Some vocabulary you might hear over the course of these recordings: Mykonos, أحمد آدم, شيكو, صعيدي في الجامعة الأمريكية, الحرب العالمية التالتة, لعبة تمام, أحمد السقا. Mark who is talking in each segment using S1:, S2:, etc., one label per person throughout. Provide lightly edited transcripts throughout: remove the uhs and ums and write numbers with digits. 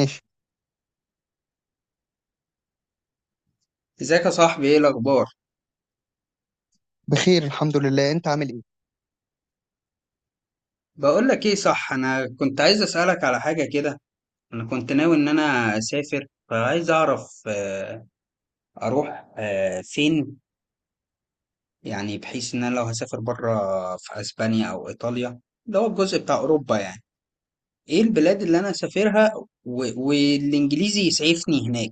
S1: ماشي.
S2: ازيك يا صاحبي؟ ايه الاخبار؟
S1: بخير الحمد لله. انت عامل ايه؟
S2: بقول لك ايه، صح؟ انا كنت عايز اسالك على حاجه كده. انا كنت ناوي ان انا اسافر، فعايز اعرف اروح فين، يعني بحيث ان انا لو هسافر بره في اسبانيا او ايطاليا. ده هو الجزء بتاع اوروبا يعني. ايه البلاد اللي انا اسافرها والانجليزي يسعفني هناك؟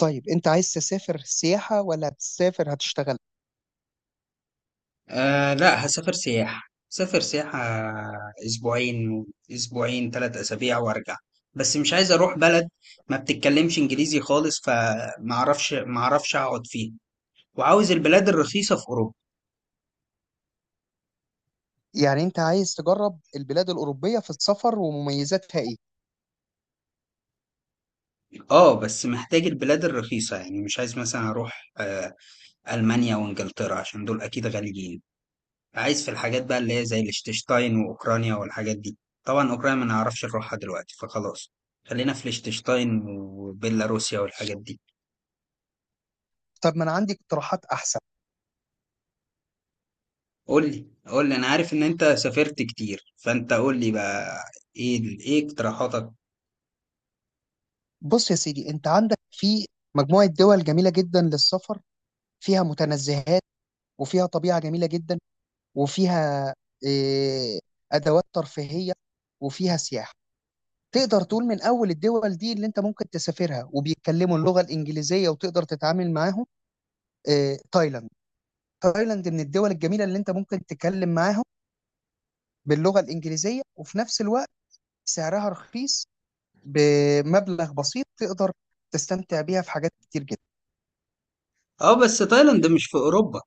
S1: طيب انت عايز تسافر سياحة ولا هتسافر هتشتغل؟
S2: آه، لا، هسافر سياحة. سافر سياحة. أسبوعين. أسبوعين ثلاث أسابيع وأرجع. بس مش عايز أروح بلد ما بتتكلمش إنجليزي خالص، فمعرفش أقعد فيها، وعاوز البلاد الرخيصة في أوروبا.
S1: يعني انت عايز تجرب البلاد الأوروبية في السفر ومميزاتها ايه؟
S2: آه بس محتاج البلاد الرخيصة، يعني مش عايز مثلا أروح ألمانيا وإنجلترا عشان دول أكيد غاليين. عايز في الحاجات بقى اللي هي زي الاشتشتاين وأوكرانيا والحاجات دي. طبعا أوكرانيا ما نعرفش نروحها دلوقتي، فخلاص، خلينا في الاشتشتاين وبيلاروسيا والحاجات دي.
S1: طب ما انا عندي اقتراحات احسن.
S2: قول لي، قول لي، انا عارف ان انت سافرت كتير، فانت قول لي بقى ايه ايه اقتراحاتك.
S1: بص يا سيدي، انت عندك في مجموعة دول جميلة جدا للسفر، فيها متنزهات، وفيها طبيعة جميلة جدا، وفيها اه أدوات ترفيهية، وفيها سياحة. تقدر تقول من أول الدول دي اللي أنت ممكن تسافرها وبيتكلموا اللغة الإنجليزية وتقدر تتعامل معاهم، اه تايلاند. تايلاند من الدول الجميله اللي انت ممكن تتكلم معاهم باللغه الانجليزيه، وفي نفس الوقت سعرها رخيص، بمبلغ بسيط تقدر تستمتع بيها في حاجات كتير جدا.
S2: اه بس تايلاند مش في اوروبا.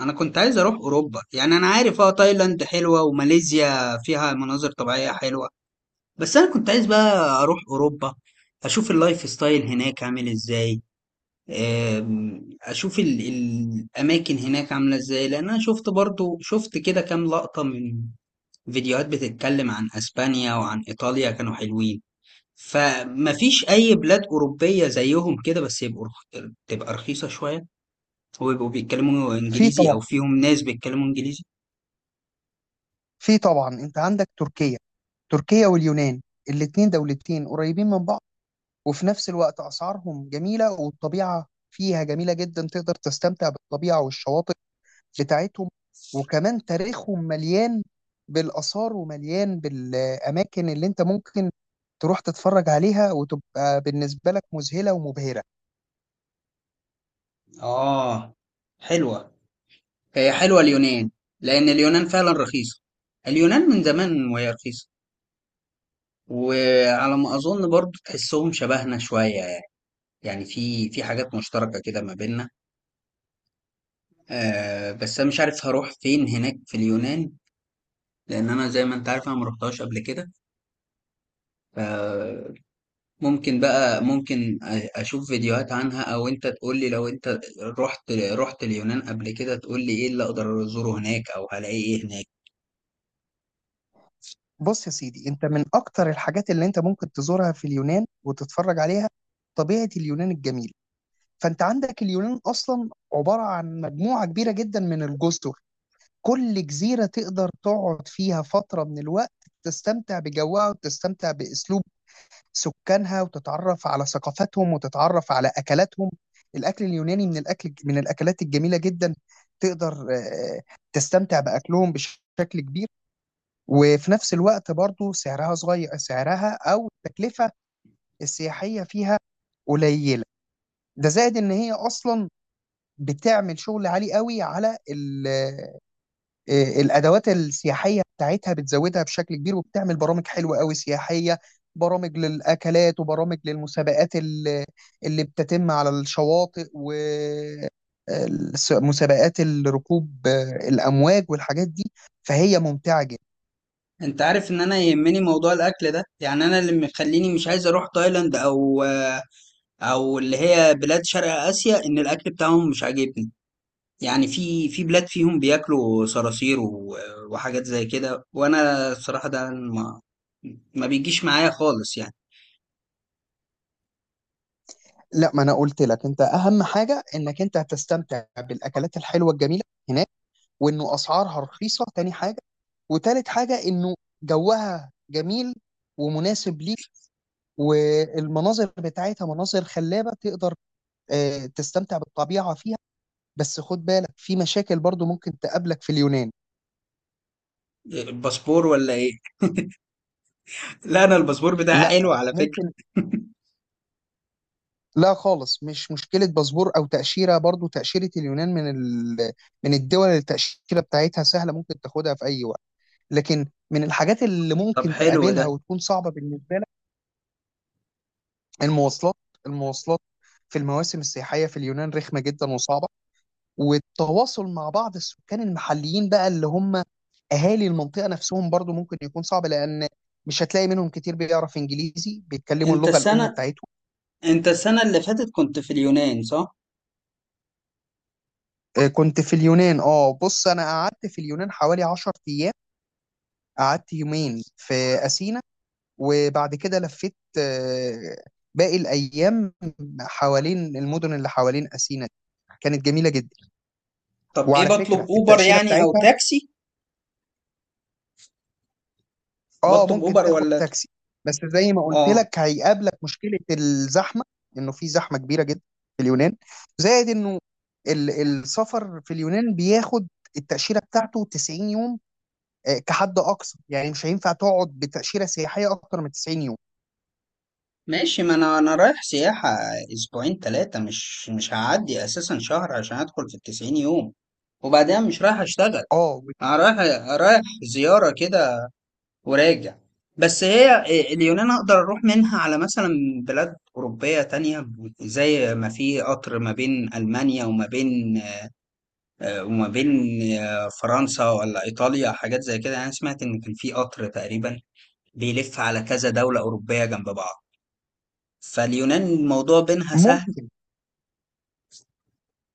S2: انا كنت عايز اروح اوروبا، يعني انا عارف اه تايلاند حلوة وماليزيا فيها مناظر طبيعية حلوة، بس انا كنت عايز بقى اروح اوروبا. اشوف اللايف ستايل هناك عامل ازاي، اشوف الاماكن هناك عاملة ازاي، لان انا شفت برضو شفت كده كام لقطة من فيديوهات بتتكلم عن اسبانيا وعن ايطاليا، كانوا حلوين. فمفيش اي بلاد اوروبيه زيهم كده، بس يبقوا تبقى رخيصه شويه، ويبقوا بيتكلموا
S1: في
S2: انجليزي او
S1: طبعا
S2: فيهم ناس بيتكلموا انجليزي.
S1: في طبعا انت عندك تركيا. تركيا واليونان، الاتنين دولتين قريبين من بعض، وفي نفس الوقت اسعارهم جميله، والطبيعه فيها جميله جدا، تقدر تستمتع بالطبيعه والشواطئ بتاعتهم، وكمان تاريخهم مليان بالآثار ومليان بالأماكن اللي أنت ممكن تروح تتفرج عليها وتبقى بالنسبة لك مذهلة ومبهرة.
S2: اه، حلوه. هي حلوه اليونان، لان اليونان فعلا رخيصه، اليونان من زمان وهي رخيصه. وعلى ما اظن برضو تحسهم شبهنا شويه يعني، يعني في حاجات مشتركه كده ما بيننا. بس انا مش عارف هروح فين هناك في اليونان، لان انا زي ما انت عارف انا ما رحتهاش قبل كده. ف، ممكن بقى، ممكن اشوف فيديوهات عنها، او انت تقول لي لو انت رحت اليونان قبل كده، تقول لي ايه اللي اقدر ازوره هناك او هلاقي ايه هناك.
S1: بص يا سيدي، أنت من أكتر الحاجات اللي أنت ممكن تزورها في اليونان وتتفرج عليها طبيعة اليونان الجميلة. فأنت عندك اليونان أصلا عبارة عن مجموعة كبيرة جدا من الجزر، كل جزيرة تقدر تقعد فيها فترة من الوقت، تستمتع بجوها وتستمتع بأسلوب سكانها، وتتعرف على ثقافتهم وتتعرف على اكلاتهم. الاكل اليوناني من الاكلات الجميله جدا. تقدر تستمتع باكلهم بشكل كبير. وفي نفس الوقت برضو سعرها صغير، سعرها او التكلفه السياحيه فيها قليله. ده زائد ان هي اصلا بتعمل شغل عالي قوي على الادوات السياحيه بتاعتها، بتزودها بشكل كبير وبتعمل برامج حلوه قوي سياحيه، برامج للاكلات وبرامج للمسابقات اللي بتتم على الشواطئ، و مسابقات الركوب، الامواج والحاجات دي، فهي ممتعه جدا.
S2: انت عارف ان انا يهمني موضوع الاكل ده، يعني انا اللي مخليني مش عايز اروح تايلاند او اللي هي بلاد شرق اسيا، ان الاكل بتاعهم مش عاجبني. يعني في بلاد فيهم بياكلوا صراصير وحاجات زي كده، وانا الصراحة ده ما بيجيش معايا خالص يعني.
S1: لا، ما انا قلت لك انت اهم حاجه انك انت هتستمتع بالاكلات الحلوه الجميله هناك، وانه اسعارها رخيصه تاني حاجه، وتالت حاجه انه جوها جميل ومناسب ليك، والمناظر بتاعتها مناظر خلابة تقدر تستمتع بالطبيعة فيها. بس خد بالك في مشاكل برضو ممكن تقابلك في اليونان.
S2: الباسبور ولا ايه؟ لا، انا الباسبور بتاعي حلو
S1: لا
S2: على فكرة.
S1: ممكن. لا خالص، مش مشكلة باسبور أو تأشيرة، برضو تأشيرة اليونان من من الدول اللي التأشيرة بتاعتها سهلة ممكن تاخدها في أي وقت، لكن من الحاجات اللي
S2: طب
S1: ممكن
S2: حلو
S1: تقابلها
S2: ده.
S1: وتكون صعبة بالنسبة لك المواصلات المواصلات في المواسم السياحية في اليونان رخمة جدا وصعبة، والتواصل مع بعض السكان المحليين بقى اللي هم اهالي المنطقه نفسهم برضو ممكن يكون صعب، لان مش هتلاقي منهم كتير بيعرف انجليزي، بيتكلموا
S2: انت
S1: اللغه الام
S2: السنة
S1: بتاعتهم.
S2: انت السنة اللي فاتت كنت في اليونان، صح؟
S1: كنت في اليونان، بص انا قعدت في اليونان حوالي 10 ايام، قعدت يومين في اثينا، وبعد كده لفيت باقي الايام حوالين المدن اللي حوالين اثينا دي. كانت جميله جدا.
S2: طب ايه،
S1: وعلى
S2: بطلب
S1: فكره
S2: اوبر
S1: التاشيره
S2: يعني او
S1: بتاعتها،
S2: تاكسي؟
S1: اه
S2: بطلب
S1: ممكن
S2: اوبر
S1: تاخد
S2: ولا؟
S1: تاكسي، بس زي ما قلت
S2: اه.
S1: لك هيقابلك مشكلة الزحمة، انه في زحمة كبيرة جدا في اليونان، زائد انه السفر في اليونان بياخد، التأشيرة بتاعته 90 يوم كحد أقصى، يعني مش هينفع تقعد بتأشيرة سياحية أكتر من 90 يوم.
S2: ماشي، ما انا رايح سياحة اسبوعين ثلاثة، مش هعدي اساسا شهر عشان ادخل في التسعين يوم، وبعدين مش رايح اشتغل.
S1: اه
S2: انا رايح زيارة كده وراجع. بس هي اليونان اقدر اروح منها على مثلا بلاد اوروبيه تانية، زي ما في قطر ما بين المانيا وما بين آه، وما بين فرنسا ولا ايطاليا، حاجات زي كده. انا سمعت ان كان في قطر تقريبا بيلف على كذا دوله اوروبيه جنب بعض، فاليونان الموضوع بينها سهل.
S1: ممكن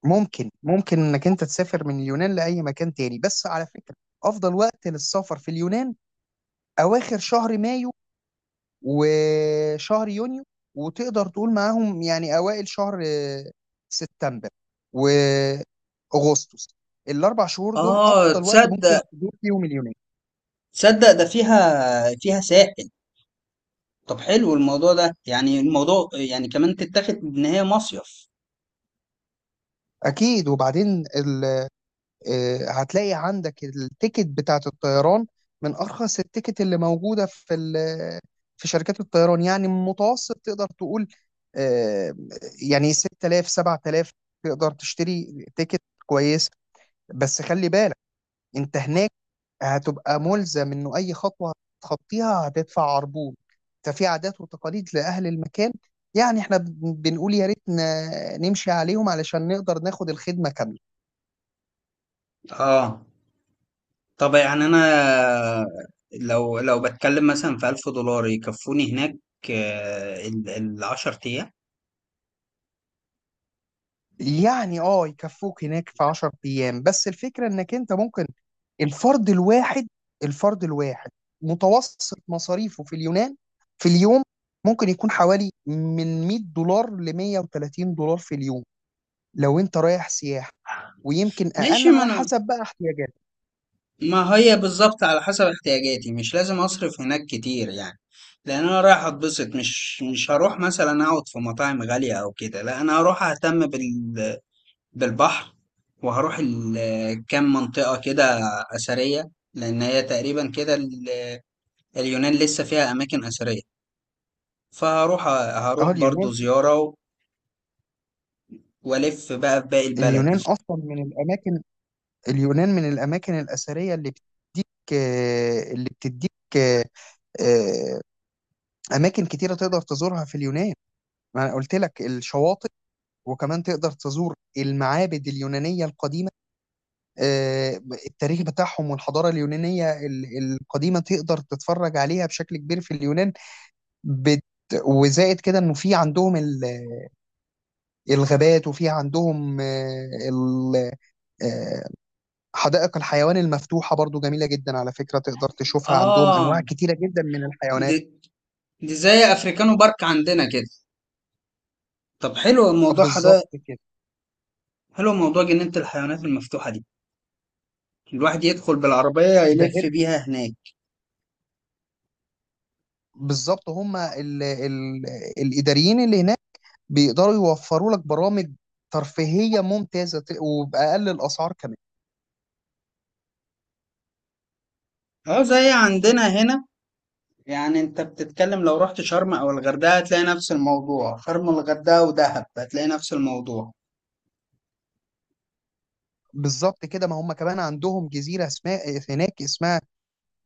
S1: ممكن انك انت تسافر من اليونان لأي مكان تاني، بس على فكرة أفضل وقت للسفر في اليونان أواخر شهر مايو وشهر يونيو، وتقدر تقول معاهم يعني اوائل شهر سبتمبر واغسطس. الاربع شهور دول
S2: اه،
S1: افضل وقت ممكن
S2: تصدق،
S1: تدور فيهم اليونان.
S2: ده فيها ساحل. طب حلو الموضوع ده، يعني الموضوع يعني كمان تتاخد ان هي مصيف.
S1: اكيد، وبعدين ال... آه، هتلاقي عندك التيكت بتاعت الطيران من ارخص التيكت اللي موجوده في في شركات الطيران، يعني متوسط تقدر تقول آه، يعني 6000 7000، تقدر تشتري تيكت كويس. بس خلي بالك انت هناك هتبقى ملزم انه اي خطوه هتخطيها هتدفع عربون، ففي عادات وتقاليد لاهل المكان، يعني احنا بنقول يا ريت نمشي عليهم علشان نقدر ناخد الخدمه كامله.
S2: اه طب يعني انا، لو بتكلم مثلا في 1000 دولار يكفوني هناك ال 10 ايام.
S1: يعني يكفوك هناك في 10 ايام، بس الفكره انك انت ممكن، الفرد الواحد الفرد الواحد متوسط مصاريفه في اليونان في اليوم ممكن يكون حوالي من 100 دولار ل 130 دولار في اليوم لو انت رايح سياحه، ويمكن اقل
S2: ماشي، ما
S1: على
S2: انا
S1: حسب بقى احتياجاتك.
S2: ما هي بالظبط على حسب احتياجاتي، مش لازم اصرف هناك كتير يعني، لان انا رايح اتبسط، مش هروح مثلا اقعد في مطاعم غالية او كده، لا انا هروح اهتم بالبحر، وهروح كام منطقة كده اثرية، لان هي تقريبا كده اليونان لسه فيها اماكن اثرية، فهروح،
S1: اه
S2: برضو
S1: اليونان
S2: زيارة والف بقى في باقي البلد.
S1: اليونان اصلا من الاماكن اليونان من الاماكن الاثريه اللي بتديك آه، اماكن كتيره تقدر تزورها في اليونان. ما انا قلت لك الشواطئ، وكمان تقدر تزور المعابد اليونانيه القديمه، آه، التاريخ بتاعهم والحضاره اليونانيه القديمه تقدر تتفرج عليها بشكل كبير في اليونان. بت وزائد كده انه في عندهم الغابات، وفي عندهم آه، حدائق الحيوان المفتوحة برضو جميلة جدا على فكرة، تقدر تشوفها عندهم
S2: اه،
S1: أنواع كتيرة جدا من الحيوانات.
S2: دي, دي زي افريكانو بارك عندنا كده. طب حلو
S1: آه،
S2: الموضوع
S1: بالظبط
S2: ده،
S1: كده.
S2: حلو موضوع جنينة الحيوانات المفتوحة دي، الواحد يدخل بالعربية
S1: ده
S2: يلف
S1: غير،
S2: بيها هناك.
S1: بالظبط هم ال ال الإداريين اللي هناك بيقدروا يوفروا لك برامج ترفيهية ممتازة، وبأقل الأسعار كمان.
S2: اه، زي عندنا هنا، يعني انت بتتكلم لو رحت شرم او الغردقة هتلاقي نفس الموضوع، شرم الغردقة ودهب هتلاقي نفس الموضوع.
S1: بالظبط كده، ما هم كمان عندهم جزيرة اسمها هناك، اسمها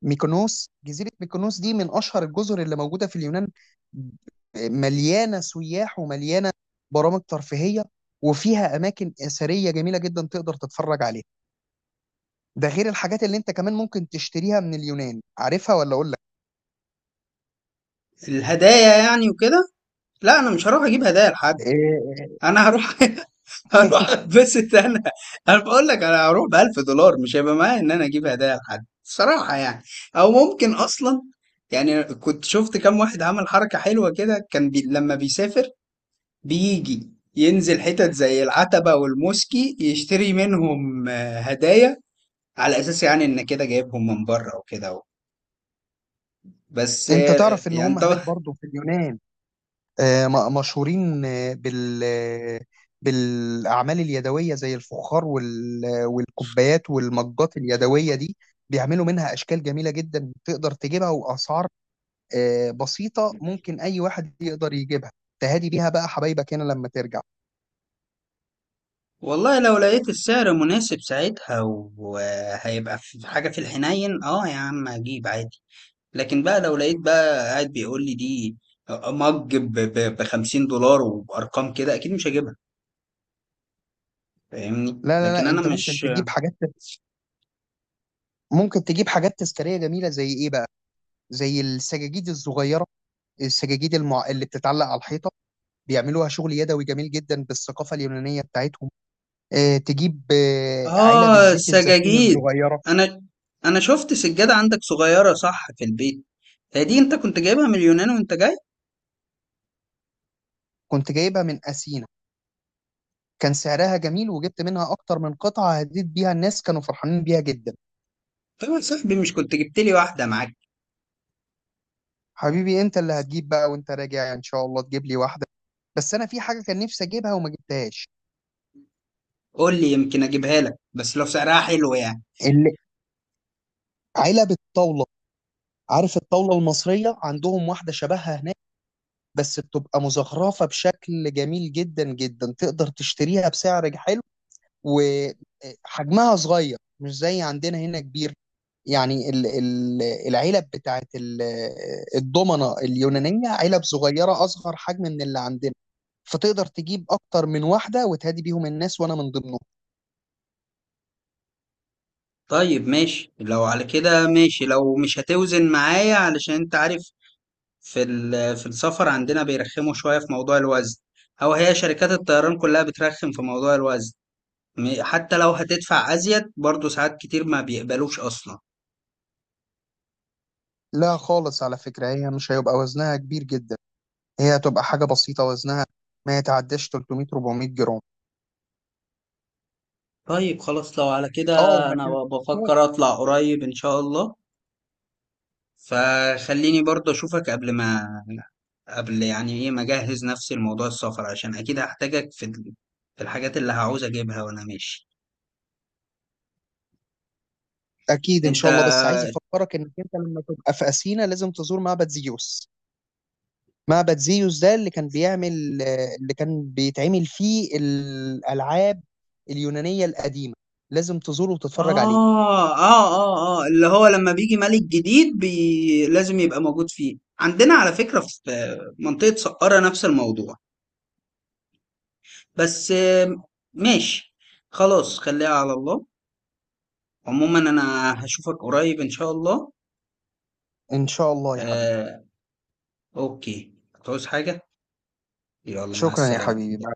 S1: ميكونوس. جزيرة ميكونوس دي من أشهر الجزر اللي موجودة في اليونان، مليانة سياح ومليانة برامج ترفيهية، وفيها أماكن أثرية جميلة جدا تقدر تتفرج عليها. ده غير الحاجات اللي أنت كمان ممكن تشتريها من اليونان، عارفها ولا أقول لك؟
S2: الهدايا يعني وكده؟ لا، انا مش هروح اجيب هدايا لحد.
S1: إيه،
S2: انا هروح هروح اتبسط انا. انا بقول لك انا هروح ب 1000 دولار، مش هيبقى معايا ان انا اجيب هدايا لحد صراحة يعني. او ممكن اصلا، يعني كنت شفت كام واحد عمل حركة حلوة كده، كان لما بيسافر بيجي ينزل حتت زي العتبة والموسكي يشتري منهم هدايا، على اساس يعني ان كده جايبهم من بره وكده، بس
S1: أنت تعرف إن
S2: يعني
S1: هم هناك
S2: طبعا.
S1: برضو في اليونان مشهورين بالأعمال اليدوية زي الفخار والكوبايات والمجات اليدوية دي، بيعملوا منها أشكال جميلة جدا تقدر تجيبها، وأسعار بسيطة ممكن أي واحد يقدر يجيبها، تهادي بيها بقى حبايبك هنا لما ترجع.
S2: والله لو لقيت السعر مناسب ساعتها، وهيبقى في حاجة في الحنين، اه يا عم اجيب عادي. لكن بقى لو لقيت بقى قاعد بيقول لي دي مج ب 50 دولار وبأرقام كده، اكيد مش هجيبها، فاهمني؟
S1: لا لا
S2: لكن
S1: لا،
S2: انا
S1: أنت ممكن
S2: مش.
S1: تجيب حاجات، ممكن تجيب حاجات تذكارية جميلة زي إيه بقى؟ زي السجاجيد الصغيرة، السجاجيد اللي بتتعلق على الحيطة، بيعملوها شغل يدوي جميل جدا بالثقافة اليونانية بتاعتهم. تجيب علب
S2: اه،
S1: الزيت الزيتون
S2: السجاجيد.
S1: الصغيرة.
S2: انا انا شفت سجادة عندك صغيرة، صح، في البيت. هي دي انت كنت جايبها من اليونان وانت جاي؟
S1: كنت جايبها من أسينا، كان سعرها جميل وجبت منها أكتر من قطعة، هديت بيها الناس كانوا فرحانين بيها جدا.
S2: طب يا صاحبي، مش كنت جبت لي واحدة معاك؟
S1: حبيبي، أنت اللي هتجيب بقى وأنت راجع إن شاء الله تجيب لي واحدة، بس أنا في حاجة كان نفسي أجيبها وما جبتهاش.
S2: قول لي، يمكن اجيبها لك، بس لو سعرها حلو يعني.
S1: ال- علب الطاولة، عارف الطاولة المصرية؟ عندهم واحدة شبهها هناك، بس بتبقى مزخرفة بشكل جميل جدا جدا تقدر تشتريها بسعر حلو، وحجمها صغير مش زي عندنا هنا كبير، يعني العلب بتاعت الضمنة اليونانية، علب صغيرة أصغر حجم من اللي عندنا، فتقدر تجيب أكتر من واحدة وتهدي بيهم الناس، وأنا من ضمنهم.
S2: طيب ماشي، لو على كده ماشي، لو مش هتوزن معايا، علشان انت عارف في في السفر عندنا بيرخموا شوية في موضوع الوزن، او هي شركات الطيران كلها بترخم في موضوع الوزن، حتى لو هتدفع ازيد برضو ساعات كتير ما بيقبلوش اصلا.
S1: لا خالص، على فكرة هي مش هيبقى وزنها كبير جدا، هي هتبقى حاجة بسيطة وزنها ما يتعداش 300 400 جرام.
S2: طيب خلاص لو على كده،
S1: اه وما
S2: انا بفكر
S1: تنساش،
S2: اطلع قريب ان شاء الله، فخليني برضو اشوفك قبل يعني ايه ما اجهز نفسي لموضوع السفر، عشان اكيد هحتاجك في في الحاجات اللي هعوز اجيبها وانا ماشي.
S1: اكيد ان
S2: انت
S1: شاء الله، بس عايز افكرك انك انت لما تبقى في اثينا لازم تزور معبد زيوس. معبد زيوس ده اللي كان بيعمل، اللي كان بيتعمل فيه الألعاب اليونانية القديمة، لازم تزوره وتتفرج عليه.
S2: اللي هو لما بيجي ملك جديد لازم يبقى موجود فيه، عندنا على فكرة في منطقة سقارة نفس الموضوع، بس ماشي، خلاص خليها على الله. عموما أنا هشوفك قريب إن شاء الله.
S1: إن شاء الله يا حبيبي.
S2: آه، أوكي، هتعوز حاجة؟ يلا مع
S1: شكرا يا
S2: السلامة.
S1: حبيبي.